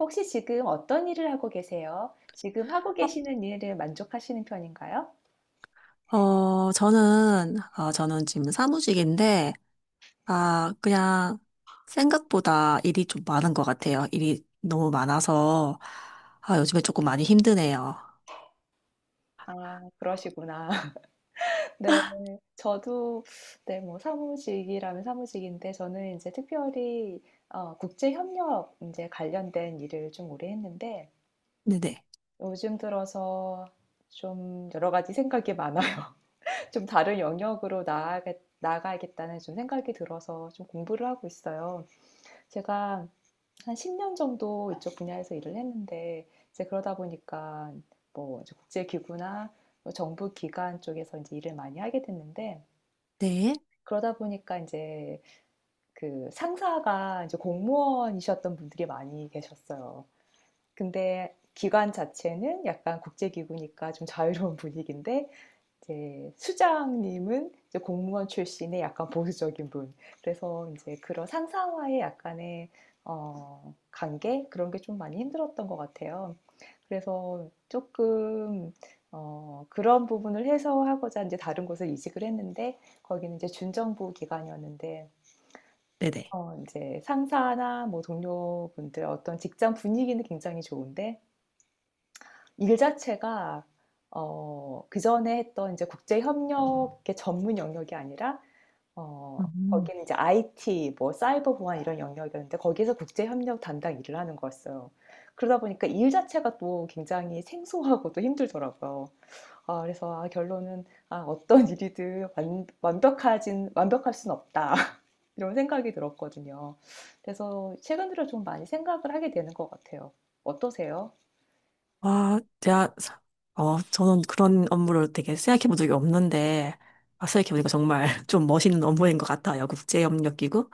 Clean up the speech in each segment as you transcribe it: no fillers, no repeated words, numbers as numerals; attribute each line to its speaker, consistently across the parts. Speaker 1: 혹시 지금 어떤 일을 하고 계세요? 지금 하고
Speaker 2: 어,
Speaker 1: 계시는 일을 만족하시는 편인가요?
Speaker 2: 저는 지금 사무직인데, 그냥 생각보다 일이 좀 많은 것 같아요. 일이 너무 많아서, 요즘에 조금 많이 힘드네요.
Speaker 1: 아 그러시구나. 네. 저도. 네, 뭐 사무직이라면 사무직인데 저는 이제 특별히 국제 협력 이제 관련된 일을 좀 오래 했는데
Speaker 2: 네네.
Speaker 1: 요즘 들어서 좀 여러 가지 생각이 많아요. 좀 다른 영역으로 나아가야겠다는 좀 생각이 들어서 좀 공부를 하고 있어요. 제가 한 10년 정도 이쪽 분야에서 일을 했는데 이제 그러다 보니까 뭐 이제 국제기구나 뭐 정부 기관 쪽에서 이제 일을 많이 하게 됐는데
Speaker 2: 네.
Speaker 1: 그러다 보니까 이제 그 상사가 이제 공무원이셨던 분들이 많이 계셨어요. 근데 기관 자체는 약간 국제기구니까 좀 자유로운 분위기인데 이제 수장님은 이제 공무원 출신의 약간 보수적인 분. 그래서 이제 그런 상사와의 약간의 관계 그런 게 좀 많이 힘들었던 것 같아요. 그래서 조금 그런 부분을 해소하고자 이제 다른 곳을 이직을 했는데 거기는 이제 준정부 기관이었는데
Speaker 2: 네네.
Speaker 1: 이제 상사나 뭐 동료분들 어떤 직장 분위기는 굉장히 좋은데 일 자체가 그전에 했던 이제 국제 협력의 전문 영역이 아니라 어
Speaker 2: 음.
Speaker 1: 거기는 이제 IT 뭐 사이버 보안 이런 영역이었는데 거기에서 국제 협력 담당 일을 하는 거였어요. 그러다 보니까 일 자체가 또 굉장히 생소하고 또 힘들더라고요. 아 그래서 아 결론은 아 어떤 일이든 완 완벽하진 완벽할 순 없다. 이런 생각이 들었거든요. 그래서 최근 들어 좀 많이 생각을 하게 되는 것 같아요. 어떠세요?
Speaker 2: 와, 저는 그런 업무를 되게 생각해 본 적이 없는데, 아, 생각해 보니까 정말 좀 멋있는 업무인 것 같아요. 국제협력기구?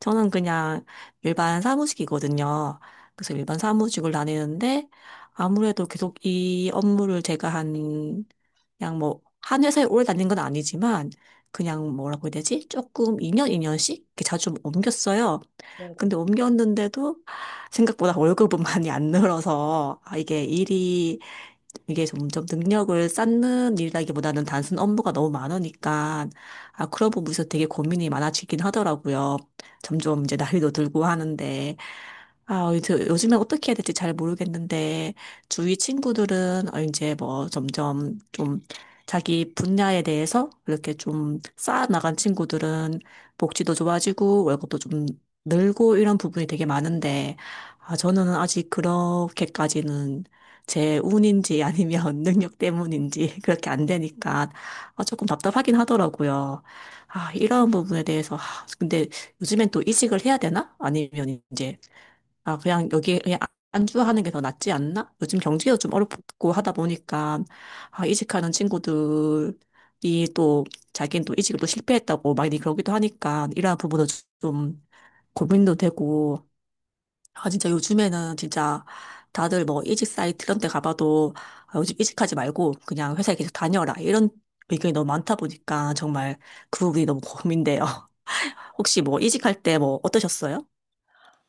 Speaker 2: 저는 그냥 일반 사무직이거든요. 그래서 일반 사무직을 다니는데 아무래도 계속 이 업무를 제가 한 그냥 뭐 한 회사에 오래 다닌 건 아니지만 그냥 뭐라고 해야 되지? 조금 2년, 2년씩 이렇게 자주 옮겼어요.
Speaker 1: 네네.
Speaker 2: 근데 옮겼는데도 생각보다 월급은 많이 안 늘어서 이게 점점 능력을 쌓는 일이라기보다는 단순 업무가 너무 많으니까 그런 부분에서 되게 고민이 많아지긴 하더라고요. 점점 이제 나이도 들고 하는데 이제 요즘에 어떻게 해야 될지 잘 모르겠는데, 주위 친구들은 이제 뭐 점점 좀 자기 분야에 대해서 이렇게 좀 쌓아나간 친구들은 복지도 좋아지고 월급도 좀 늘고 이런 부분이 되게 많은데, 저는 아직 그렇게까지는 제 운인지 아니면 능력 때문인지 그렇게 안 되니까 조금 답답하긴 하더라고요. 이런 부분에 대해서, 근데 요즘엔 또 이직을 해야 되나? 아니면 이제 아, 그냥 여기 그냥 아, 안주하는 게 더 낫지 않나? 요즘 경기도 좀 어렵고 하다 보니까, 이직하는 친구들이 또, 자기는 또 이직을 또 실패했다고 많이 그러기도 하니까, 이러한 부분도 좀 고민도 되고, 진짜 요즘에는 진짜 다들 뭐 이직 사이트 이런 데 가봐도, 요즘 이직하지 말고 그냥 회사에 계속 다녀라. 이런 의견이 너무 많다 보니까 정말 그 부분이 너무 고민돼요. 혹시 뭐 이직할 때 뭐 어떠셨어요?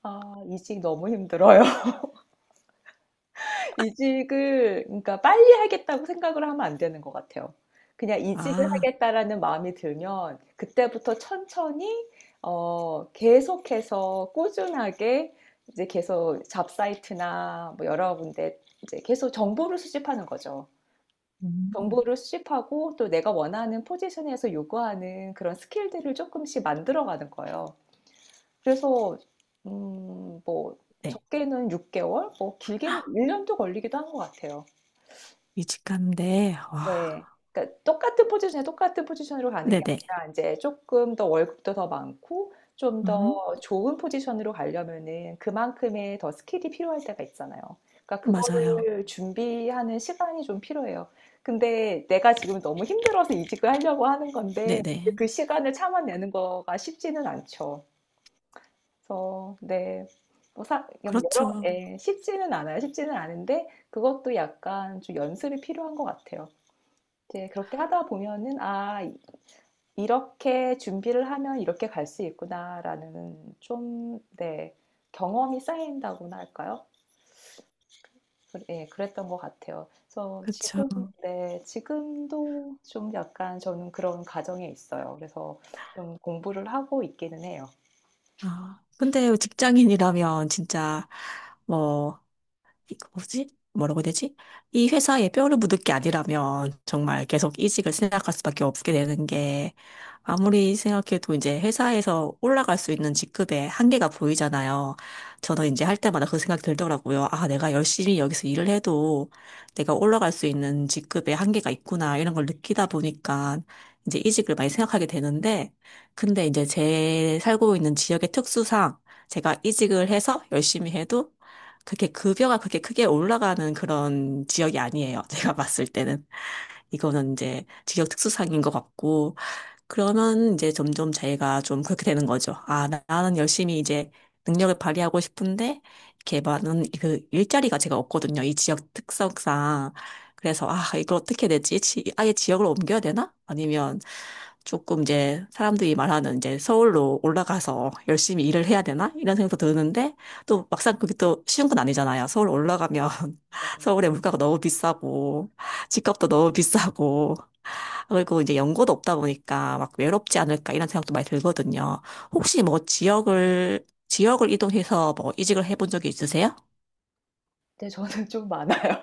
Speaker 1: 아 이직 너무 힘들어요. 이직을 그러니까 빨리 하겠다고 생각을 하면 안 되는 것 같아요. 그냥 '이직을
Speaker 2: 아,
Speaker 1: 하겠다.'라는 마음이 들면 그때부터 천천히 계속해서 꾸준하게 이제 계속 잡사이트나 뭐 여러 군데 이제 계속 정보를 수집하는 거죠.
Speaker 2: 음.
Speaker 1: 정보를 수집하고 또 내가 원하는 포지션에서 요구하는 그런 스킬들을 조금씩 만들어 가는 거예요. 그래서 뭐
Speaker 2: 네.
Speaker 1: 적게는 6개월, 뭐 길게는 일 년도 걸리기도 한 것 같아요.
Speaker 2: 이직한데,
Speaker 1: 네.
Speaker 2: 와.
Speaker 1: 그러니까 똑같은 포지션에 똑같은 포지션으로 가는 게
Speaker 2: 네네.
Speaker 1: 아니라 이제 조금 더 월급도 더 많고 좀
Speaker 2: 음,
Speaker 1: 더 좋은 포지션으로 가려면은 그만큼의 더 스킬이 필요할 때가 있잖아요. 그러니까
Speaker 2: 맞아요.
Speaker 1: 그거를 준비하는 시간이 좀 필요해요. 근데 내가 지금 너무 힘들어서 이직을 하려고 하는 건데
Speaker 2: 네네.
Speaker 1: 그 시간을 참아내는 거가 쉽지는 않죠. 그래서 네. 뭐 사 여 뭐 여러
Speaker 2: 그렇죠.
Speaker 1: 예, 쉽지는 않아요. 쉽지는 않은데 그것도 약간 좀 연습이 필요한 것 같아요. 이제 그렇게 하다 보면은 '아 이 이렇게 준비를 하면 이렇게 갈 수 있구나.'라는 좀, 네, 경험이 쌓인다고나 할까요? 그, 예, 그랬던 것 같아요. 그래서
Speaker 2: 그렇죠.
Speaker 1: 지금, 네, 지금도 좀 약간 저는 그런 과정에 있어요. 그래서 좀 공부를 하고 있기는 해요.
Speaker 2: 근데 직장인이라면 진짜, 뭐, 이거 뭐지? 뭐라고 해야 되지? 이 회사에 뼈를 묻을 게 아니라면 정말 계속 이직을 생각할 수밖에 없게 되는 게 아무리 생각해도 이제 회사에서 올라갈 수 있는 직급의 한계가 보이잖아요. 저는 이제 할 때마다 그 생각이 들더라고요. 아, 내가 열심히 여기서 일을 해도 내가 올라갈 수 있는 직급의 한계가 있구나 이런 걸 느끼다 보니까 이제 이직을 많이 생각하게 되는데 근데 이제 제 살고 있는 지역의 특수상 제가 이직을 해서 열심히 해도 그렇게 급여가 그렇게 크게 올라가는 그런 지역이 아니에요. 제가 봤을 때는. 이거는 이제 지역 특수상인 것 같고, 그러면 이제 점점 자기가 좀 그렇게 되는 거죠. 나는 열심히 이제 능력을 발휘하고 싶은데, 이렇게 많은 그 일자리가 제가 없거든요. 이 지역 특성상. 그래서, 이걸 어떻게 되지? 아예 지역을 옮겨야 되나? 아니면 조금 이제 사람들이 말하는 이제 서울로 올라가서 열심히 일을 해야 되나? 이런 생각도 드는데, 또 막상 그게 또 쉬운 건 아니잖아요. 서울 올라가면
Speaker 1: 네.
Speaker 2: 서울의 물가가 너무 비싸고, 집값도 너무 비싸고, 그리고 이제 연고도 없다 보니까 막 외롭지 않을까 이런 생각도 많이 들거든요. 혹시 뭐 지역을 이동해서 뭐 이직을 해본 적이 있으세요?
Speaker 1: 근데 저는 좀 많아요.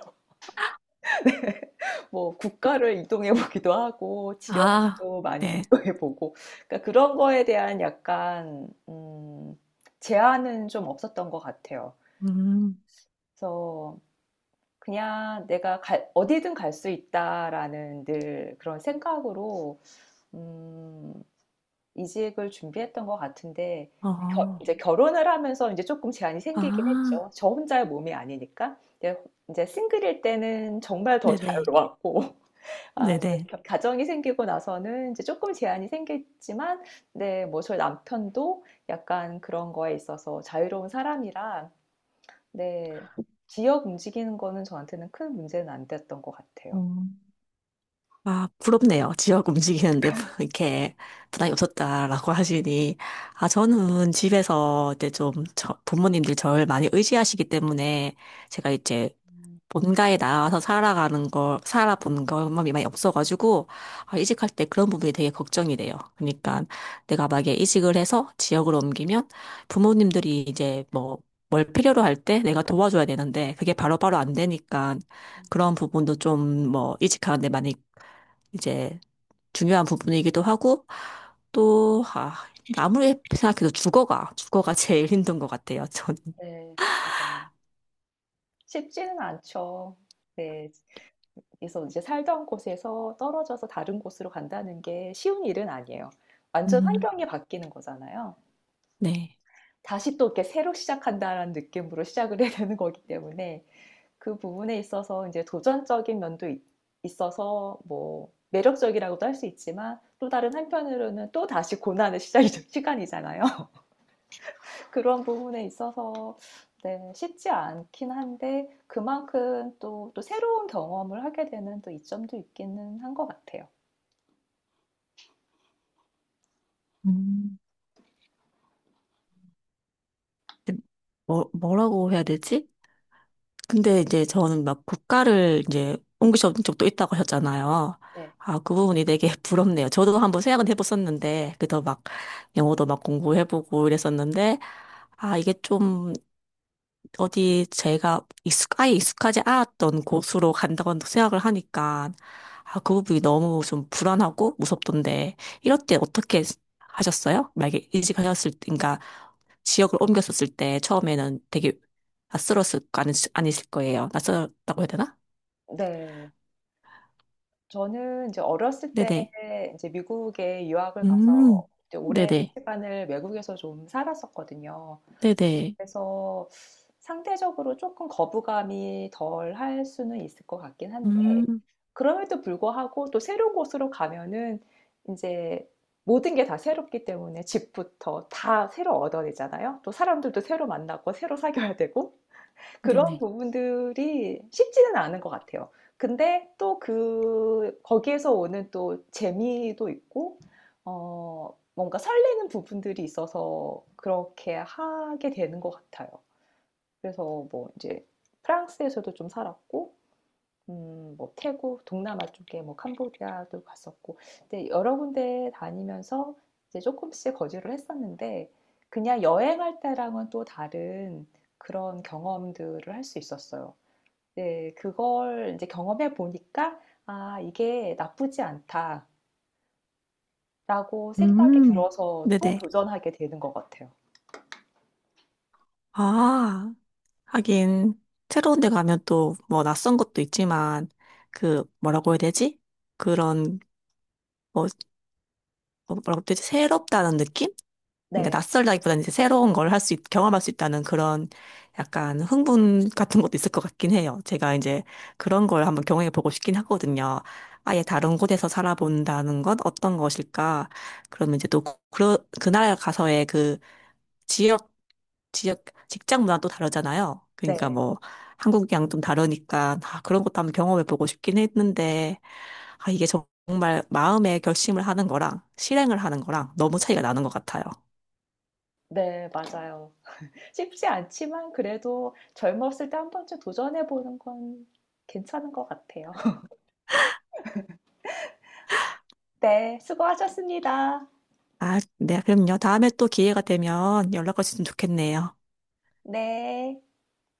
Speaker 1: 뭐 국가를 이동해 보기도 하고
Speaker 2: 아,
Speaker 1: 지역도 많이
Speaker 2: 네.
Speaker 1: 이동해 보고 그러니까 그런 거에 대한 약간 제한은 좀 없었던 것 같아요.
Speaker 2: 음,
Speaker 1: 그래서 그냥 내가 어디든 갈 수 있다라는 늘 그런 생각으로 음, 이직을 준비했던 것 같은데
Speaker 2: 어,
Speaker 1: 이제 결혼을 하면서 이제 조금 제한이 생기긴 했죠.
Speaker 2: 아,
Speaker 1: 저 혼자의 몸이 아니니까. 이제, 이제 싱글일 때는 정말 더
Speaker 2: 네네.
Speaker 1: 자유로웠고 아 이제
Speaker 2: 네네.
Speaker 1: 겨 가정이 생기고 나서는 이제 조금 제한이 생겼지만, 네, 뭐 저희 남편도 약간 그런 거에 있어서 자유로운 사람이라, 네, 지역 움직이는 거는 저한테는 큰 문제는 안 됐던 것
Speaker 2: 어,
Speaker 1: 같아요.
Speaker 2: 아, 부럽네요. 지역 움직이는데 이렇게 부담이 없었다라고 하시니. 저는 집에서 이제 부모님들 저를 많이 의지하시기 때문에 제가 이제 뭔가에 나와서 살아가는 걸, 살아본 경험이 많이 없어가지고, 이직할 때 그런 부분이 되게 걱정이 돼요. 그러니까 내가 만약에 이직을 해서 지역으로 옮기면 부모님들이 이제 뭐, 뭘 필요로 할 때 내가 도와줘야 되는데, 그게 바로바로 안 되니까, 그런 부분도 좀 뭐, 이직하는데 많이 이제 중요한 부분이기도 하고, 또, 아무리 생각해도 주거가 제일 힘든 것 같아요, 저는.
Speaker 1: 네. 맞아요. 쉽지는 않죠. 네. 그래서 이제 살던 곳에서 떨어져서 다른 곳으로 간다는 게 쉬운 일은 아니에요. 완전
Speaker 2: 음,
Speaker 1: 환경이 바뀌는 거잖아요.
Speaker 2: 네.
Speaker 1: 다시 또 이렇게 새로 시작한다라는 느낌으로 시작을 해야 되는 거기 때문에 그 부분에 있어서 이제 도전적인 면도 있어서 뭐 매력적이라고도 할 수 있지만 또 다른 한편으로는 또 다시 고난의 시작이 시간이잖아요. 그런 부분에 있어서 네, 쉽지 않긴 한데 그만큼 또, 또 새로운 경험을 하게 되는 또 이점도 있기는 한 것 같아요.
Speaker 2: 근데 뭐라고 해야 되지? 근데 이제 저는 막 국가를 이제 옮기신 적도 있다고 하셨잖아요.
Speaker 1: 네.
Speaker 2: 그 부분이 되게 부럽네요. 저도 한번 생각은 해봤었는데, 그래도 막 영어도 막 공부해보고 이랬었는데, 이게 좀 어디 아예 익숙하지 않았던 곳으로 간다고 생각을 하니까, 그 부분이 너무 좀 불안하고 무섭던데, 이럴 때 어떻게 하셨어요? 만약에 이직하셨을 때, 그러니까 지역을 옮겼었을 때 처음에는 되게 낯설었을 거 아니, 아니실 거예요. 낯설었다고 해야 되나?
Speaker 1: 네. 저는 이제 어렸을 때
Speaker 2: 네네.
Speaker 1: 이제 미국에 유학을
Speaker 2: 음,
Speaker 1: 가서 이제 오랜
Speaker 2: 네네.
Speaker 1: 시간을 외국에서 좀 살았었거든요.
Speaker 2: 네네.
Speaker 1: 그래서 상대적으로 조금 거부감이 덜 할 수는 있을 것 같긴 한데
Speaker 2: 음,
Speaker 1: 그럼에도 불구하고 또 새로운 곳으로 가면은 인제 모든 게 다 새롭기 때문에 집부터 다 새로 얻어내잖아요. 또 사람들도 새로 만나고 새로 사귀어야 되고. 그런
Speaker 2: 네네.
Speaker 1: 부분들이 쉽지는 않은 것 같아요. 근데 또 그, 거기에서 오는 또 재미도 있고, 뭔가 설레는 부분들이 있어서 그렇게 하게 되는 것 같아요. 그래서 뭐 이제 프랑스에서도 좀 살았고, 뭐 태국, 동남아 쪽에 뭐 캄보디아도 갔었고, 근데 여러 군데 다니면서 이제 조금씩 거주를 했었는데, 그냥 여행할 때랑은 또 다른 그런 경험들을 할 수 있었어요. 네. 그걸 이제 경험해 보니까 '아 이게 나쁘지 않다.'라고 생각이
Speaker 2: 음,
Speaker 1: 들어서 또
Speaker 2: 네네.
Speaker 1: 도전하게 되는 것 같아요.
Speaker 2: 아, 하긴 새로운 데 가면 또 뭐 낯선 것도 있지만 그 뭐라고 해야 되지? 그런 뭐 뭐라고 해야 되지? 새롭다는 느낌? 그러니까
Speaker 1: 네.
Speaker 2: 낯설다기보다는 이제 새로운 걸 경험할 수 있다는 그런 약간 흥분 같은 것도 있을 것 같긴 해요. 제가 이제 그런 걸 한번 경험해 보고 싶긴 하거든요. 아예 다른 곳에서 살아본다는 건 어떤 것일까? 그러면 이제 또 그 나라 가서의 그 지역, 지역, 직장 문화도 다르잖아요. 그러니까
Speaker 1: 네.
Speaker 2: 뭐, 한국이랑 좀 다르니까, 아, 그런 것도 한번 경험해보고 싶긴 했는데, 이게 정말 마음의 결심을 하는 거랑 실행을 하는 거랑 너무 차이가 나는 것 같아요.
Speaker 1: 네. 맞아요. 쉽지 않지만 그래도 젊었을 때 한 번쯤 도전해 보는 건 괜찮은 것 같아요. 네. 수고하셨습니다.
Speaker 2: 아, 네, 그럼요. 다음에 또 기회가 되면 연락 주시면 좋겠네요.
Speaker 1: 네.